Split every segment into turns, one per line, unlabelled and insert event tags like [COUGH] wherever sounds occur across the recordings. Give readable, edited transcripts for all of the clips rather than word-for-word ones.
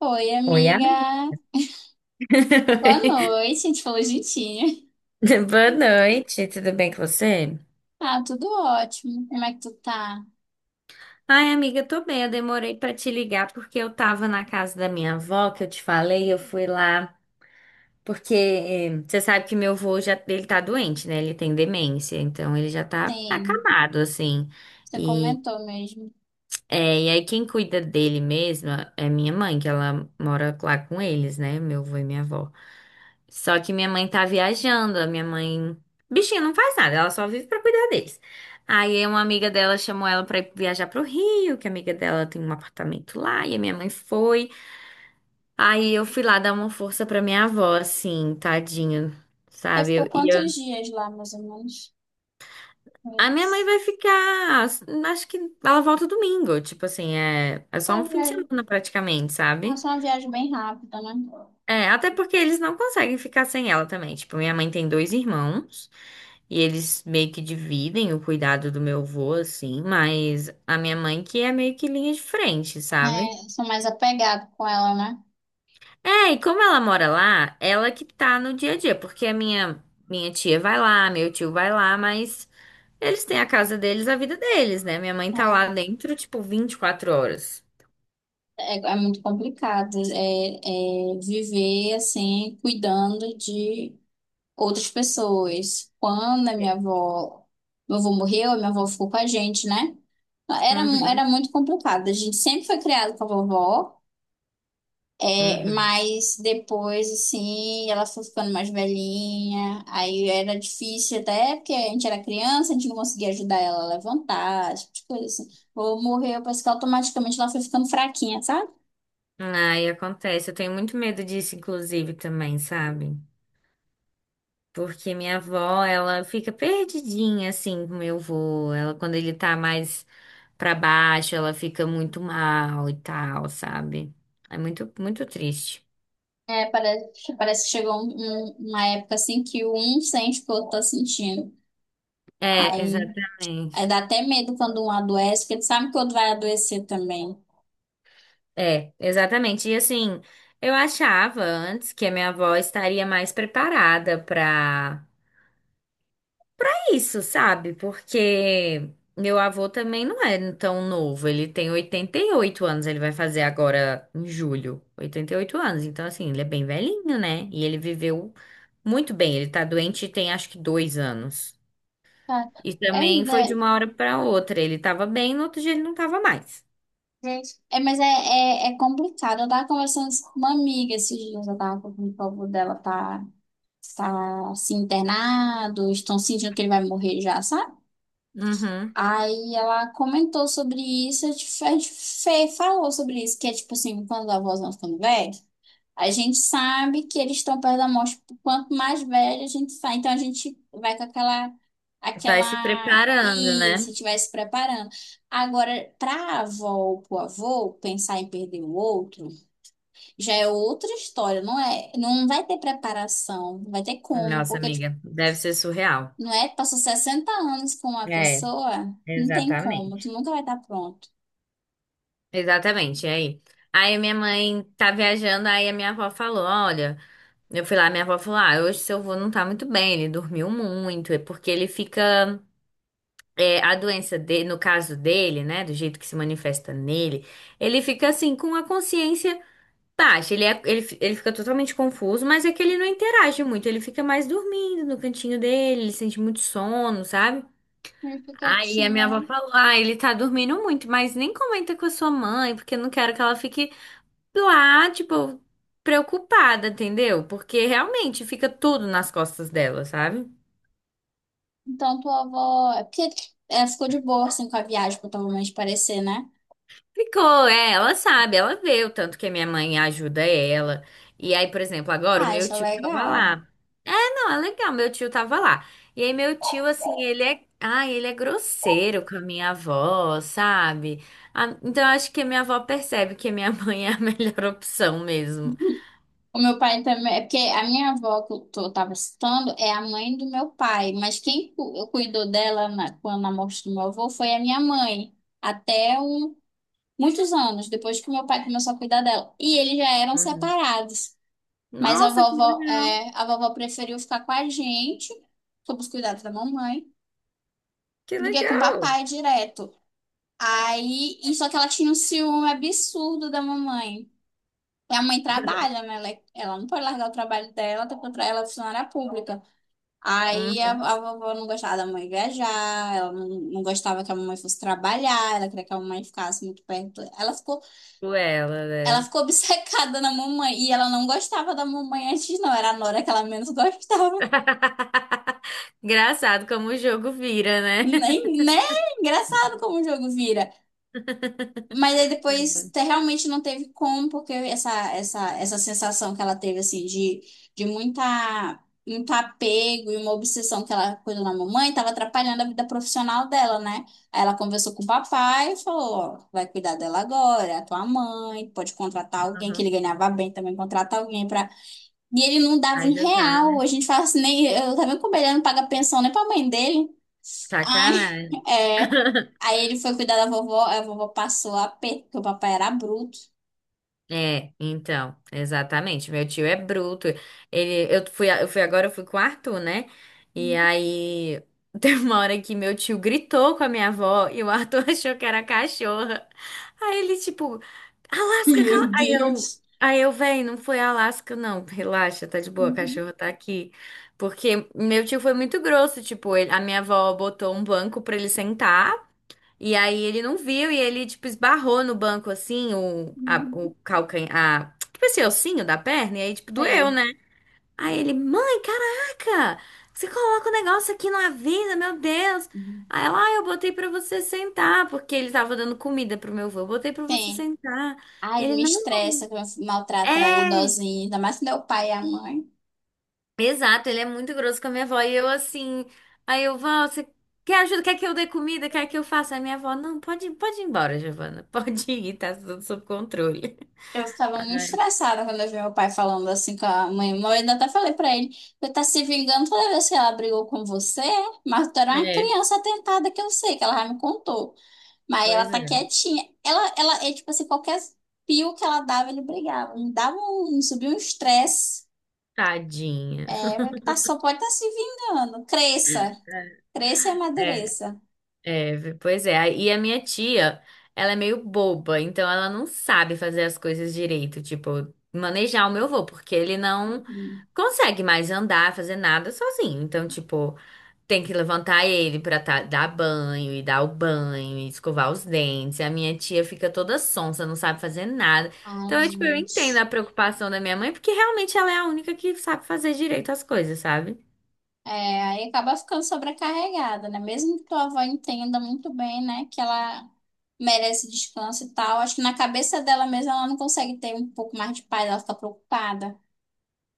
Oi,
Oi, amiga.
amiga. Boa
[LAUGHS]
noite. A gente falou juntinho.
Boa noite, tudo bem com você?
Ah, tudo ótimo. Como é que tu tá?
Ai, amiga, eu tô bem. Eu demorei pra te ligar porque eu tava na casa da minha avó, que eu te falei, eu fui lá porque você sabe que meu avô já ele tá doente, né? Ele tem demência, então ele já tá
Tem.
acamado assim.
Você
E
comentou mesmo.
é, e aí quem cuida dele mesma é minha mãe, que ela mora lá com eles, né? Meu avô e minha avó. Só que minha mãe tá viajando, a minha mãe. Bichinha não faz nada, ela só vive pra cuidar deles. Aí uma amiga dela chamou ela pra ir viajar pro Rio, que a amiga dela tem um apartamento lá, e a minha mãe foi. Aí eu fui lá dar uma força pra minha avó, assim, tadinha,
Você
sabe?
ficou quantos dias lá, mais ou menos?
A minha mãe vai ficar, acho que ela volta domingo, tipo assim, é só um
A
fim de
viagem.
semana praticamente,
Ah,
sabe?
só uma viagem bem rápida, né?
É, até porque eles não conseguem ficar sem ela também. Tipo, minha mãe tem dois irmãos. E eles meio que dividem o cuidado do meu avô, assim, mas a minha mãe que é meio que linha de frente, sabe?
É, sou mais apegado com ela, né?
É, e como ela mora lá, ela que tá no dia a dia, porque a minha tia vai lá, meu tio vai lá, mas eles têm a casa deles, a vida deles, né? Minha mãe tá lá dentro, tipo, 24 horas.
É muito complicado. É viver assim, cuidando de outras pessoas. Quando a minha avó, meu avô morreu, a minha avó ficou com a gente, né? Era, era
Uhum,
muito complicado. A gente sempre foi criado com a vovó, é,
uhum.
mas depois, assim, ela foi ficando mais velhinha. Aí era difícil até porque a gente era criança, a gente não conseguia ajudar ela a levantar, esse tipo de coisa assim. Ou morreu, parece que automaticamente ela foi ficando fraquinha, sabe?
Ai, acontece. Eu tenho muito medo disso, inclusive, também, sabe? Porque minha avó, ela fica perdidinha assim com meu avô. Ela, quando ele tá mais pra baixo, ela fica muito mal e tal, sabe? É muito, muito triste.
É, parece que chegou uma época assim que um sente o que o outro tá sentindo.
É,
Aí. É,
exatamente.
dá até medo quando um adoece, porque ele sabe que o outro vai adoecer também.
É, exatamente. E assim, eu achava antes que a minha avó estaria mais preparada pra isso, sabe? Porque meu avô também não é tão novo. Ele tem 88 anos, ele vai fazer agora em julho. 88 anos, então assim, ele é bem velhinho, né? E ele viveu muito bem. Ele tá doente tem acho que dois anos.
Tá.
E
É,
também foi de
né,
uma hora pra outra. Ele tava bem, no outro dia ele não tava mais.
gente, é, mas é complicado. Eu tava conversando isso com uma amiga esses dias, eu tava com o povo dela tá assim, internado, estão sentindo que ele vai morrer já, sabe?
Uhum.
Aí ela comentou sobre isso, falou sobre isso, que é tipo assim, quando a avó não ficando velha. A gente sabe que eles estão perto da morte. Quanto mais velho a gente sai, então a gente vai com aquela,
Vai se
aquela,
preparando,
e se
né?
estivesse preparando. Agora, para a avó ou para o avô pensar em perder o outro, já é outra história, não é? Não vai ter preparação, não vai ter como,
Nossa,
porque tipo,
amiga, deve ser surreal.
não é? Passou 60 anos com uma
É,
pessoa, não tem como, tu
exatamente.
nunca vai estar pronto.
Exatamente, e aí. Aí minha mãe tá viajando, aí a minha avó falou, olha, eu fui lá, minha avó falou, ah, hoje seu avô não tá muito bem, ele dormiu muito, é porque ele fica, é, a doença dele, no caso dele, né, do jeito que se manifesta nele, ele fica assim, com a consciência baixa, ele fica totalmente confuso, mas é que ele não interage muito, ele fica mais dormindo no cantinho dele, ele sente muito sono, sabe?
Ele fica
Aí a minha avó
quietinho.
falou, ah, ele tá dormindo muito, mas nem comenta com a sua mãe, porque eu não quero que ela fique lá, tipo, preocupada, entendeu? Porque realmente fica tudo nas costas dela, sabe?
Então, tua avó. É porque ela ficou de boa assim com a viagem, pra provavelmente parecer, né?
Ficou, é, ela sabe, ela vê o tanto que a minha mãe ajuda ela. E aí, por exemplo, agora o
Ah,
meu
isso é
tio tava
legal.
lá. Não, é legal, meu tio tava lá. E aí meu tio, assim, ele é, ah, ele é grosseiro com a minha avó, sabe? Ah, então eu acho que a minha avó percebe que a minha [LAUGHS] mãe é a melhor opção mesmo.
O meu pai também, é porque a minha avó que eu tava citando é a mãe do meu pai, mas quem cuidou dela quando na morte do meu avô foi a minha mãe, até um, muitos anos depois que meu pai começou a cuidar dela. E eles já eram
Uhum.
separados, mas a
Nossa, que
vovó,
legal,
é, a vovó preferiu ficar com a gente, sob os cuidados da mamãe,
que
do que com o
legal.
papai direto. Aí, e só que ela tinha um ciúme absurdo da mamãe. E a mãe trabalha, né? Ela não pode largar o trabalho dela, até porque ela é funcionária pública. Aí a,
Uhum.
a vovó não gostava da mãe viajar, ela não gostava que a mamãe fosse trabalhar, ela queria que a mamãe ficasse muito perto. Ela ficou,
Por ela,
ela
né?
ficou obcecada na mamãe e ela não gostava da mamãe antes, não. Era a Nora que ela menos gostava.
[LAUGHS] Engraçado como o jogo vira, né?
Nem, né? Engraçado como o jogo vira.
[LAUGHS]
Mas aí depois realmente não teve como, porque essa sensação que ela teve, assim, de muita, muito apego e uma obsessão que ela cuidou da mamãe, estava atrapalhando a vida profissional dela, né? Aí ela conversou com o papai e falou, ó, vai cuidar dela agora, é a tua mãe, pode contratar alguém, que
Uhum.
ele ganhava bem também, contrata alguém e ele não dava
Vai
um
jogar,
real. A
né?
gente fala assim, nem, eu tava vendo como ele não paga pensão nem pra mãe dele. Ai,
Sacanagem.
[LAUGHS] é.
[LAUGHS]
Aí ele foi cuidar da vovó, a vovó passou a pé, porque o papai era bruto.
É, então, exatamente. Meu tio é bruto. Ele, eu fui com o Arthur, né? E aí [LAUGHS] teve uma hora que meu tio gritou com a minha avó e o Arthur [LAUGHS] achou que era cachorra. Aí ele tipo, Alasca,
Meu
cala. Aí eu,
Deus.
aí eu, véi, não foi Alasca, não. Relaxa, tá de boa, a cachorra tá aqui. Porque meu tio foi muito grosso, tipo, a minha avó botou um banco pra ele sentar e aí ele não viu e ele, tipo, esbarrou no banco, assim, o calcanhar, tipo esse ossinho da perna, e aí, tipo, doeu,
Sei.
né? Aí ele, mãe, caraca, você coloca o negócio aqui, não avisa, meu Deus. Aí ela, ah, eu botei pra você sentar, porque ele tava dando comida pro meu avô, eu botei pra você
Tem.
sentar.
Ai, ele
Ele,
me
não,
estressa, que maltrata
é.
idosinho, ainda mais quando é o pai e a mãe.
Exato, ele é muito grosso com a minha avó. E eu assim, aí eu, vó, você quer ajuda? Quer que eu dê comida? Quer que eu faça? Aí minha avó, não, pode, pode ir embora, Giovana. [LAUGHS] Pode ir, tá tudo sob controle.
Eu
[LAUGHS]
ficava
Ai,
muito estressada quando eu vi meu pai falando assim com a mãe. Eu ainda até falei pra ele, você tá se vingando toda vez que ela brigou com você, mas tu era uma
é,
criança atentada que eu sei, que ela já me contou. Mas ela
pois
tá
é.
quietinha. Ela é tipo assim, qualquer pio que ela dava, ele brigava. Me dava um, subia um estresse.
Tadinha.
É, tá, só pode estar se vingando. Cresça. Cresça e
É.
amadureça.
É, pois é. E a minha tia, ela é meio boba, então ela não sabe fazer as coisas direito, tipo, manejar o meu avô, porque ele não
Uhum.
consegue mais andar, fazer nada sozinho. Então, tipo, tem que levantar ele pra tá- dar banho e dar o banho e escovar os dentes. E a minha tia fica toda sonsa, não sabe fazer nada.
Ai,
Então, eu, tipo, eu entendo
gente.
a preocupação da minha mãe, porque realmente ela é a única que sabe fazer direito as coisas, sabe?
É, aí acaba ficando sobrecarregada, né? Mesmo que tua avó entenda muito bem, né, que ela merece descanso e tal, acho que na cabeça dela mesma ela não consegue ter um pouco mais de paz, ela fica preocupada.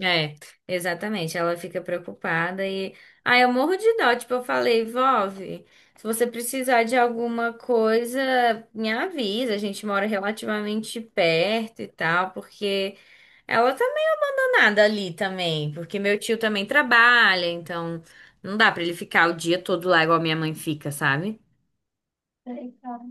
É, exatamente. Ela fica preocupada e. Ah, eu morro de dó. Tipo, eu falei, Vove, se você precisar de alguma coisa, me avisa. A gente mora relativamente perto e tal, porque ela também não é nada ali também. Porque meu tio também trabalha, então não dá pra ele ficar o dia todo lá igual minha mãe fica, sabe?
Sei, cara.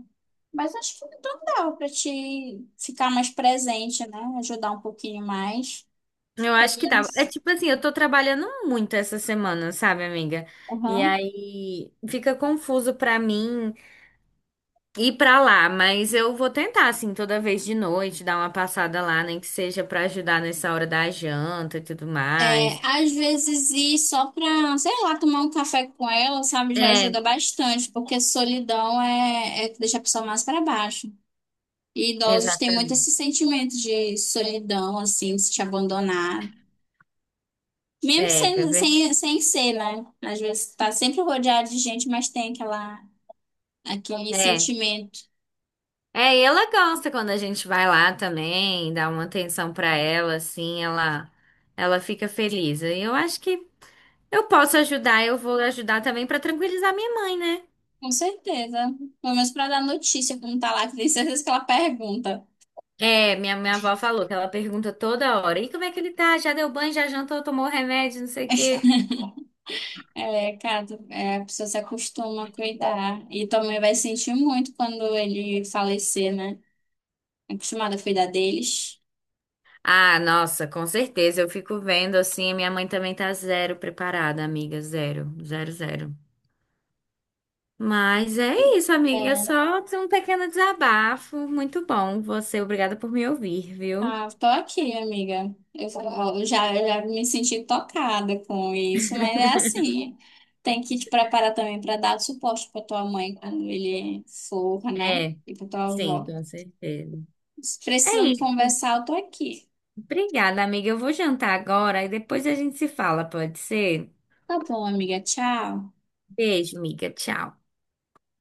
Mas acho que então dava pra te ficar mais presente, né? Ajudar um pouquinho mais.
Eu
Pelo
acho que dá. É
menos.
tipo assim, eu tô trabalhando muito essa semana, sabe, amiga? E
Uhum.
aí fica confuso pra mim ir pra lá, mas eu vou tentar, assim, toda vez de noite, dar uma passada lá, nem que seja pra ajudar nessa hora da janta e tudo mais.
É, às vezes ir só pra, sei lá, tomar um café com ela, sabe, já
É,
ajuda bastante, porque solidão é que deixa a pessoa mais pra baixo. E idosos têm muito
exatamente.
esse sentimento de solidão, assim, de se abandonado. Mesmo
É, é
sem,
verdade.
sem, sem ser, né? Às vezes tá sempre rodeado de gente, mas tem aquela, aquele
É.
sentimento.
É, e ela gosta quando a gente vai lá também, dá uma atenção pra ela, assim, ela fica feliz. E eu acho que eu posso ajudar, eu vou ajudar também pra tranquilizar minha mãe, né?
Com certeza. Pelo menos para dar notícia, como tá lá, que tem certeza que ela pergunta.
É, minha avó falou que ela pergunta toda hora, e como é que ele tá? Já deu banho, já jantou, tomou remédio, não sei o quê.
[LAUGHS] É, cara, é, a pessoa se acostuma a cuidar. E também vai sentir muito quando ele falecer, né? Acostumada a cuidar deles.
Ah, nossa, com certeza. Eu fico vendo assim, minha mãe também tá zero preparada, amiga, zero, zero, zero. Mas é isso, amiga,
É,
só um pequeno desabafo. Muito bom. Você, obrigada por me ouvir, viu?
ah, tô aqui, amiga. Eu já me senti tocada com isso, mas é assim. Tem que te preparar também para dar suporte para tua mãe quando ele for, né?
É,
E para tua
sim,
avó.
com certeza.
Se
É
precisando
isso.
conversar, eu tô aqui.
Obrigada, amiga. Eu vou jantar agora e depois a gente se fala, pode ser?
Tá bom, amiga. Tchau.
Beijo, amiga. Tchau.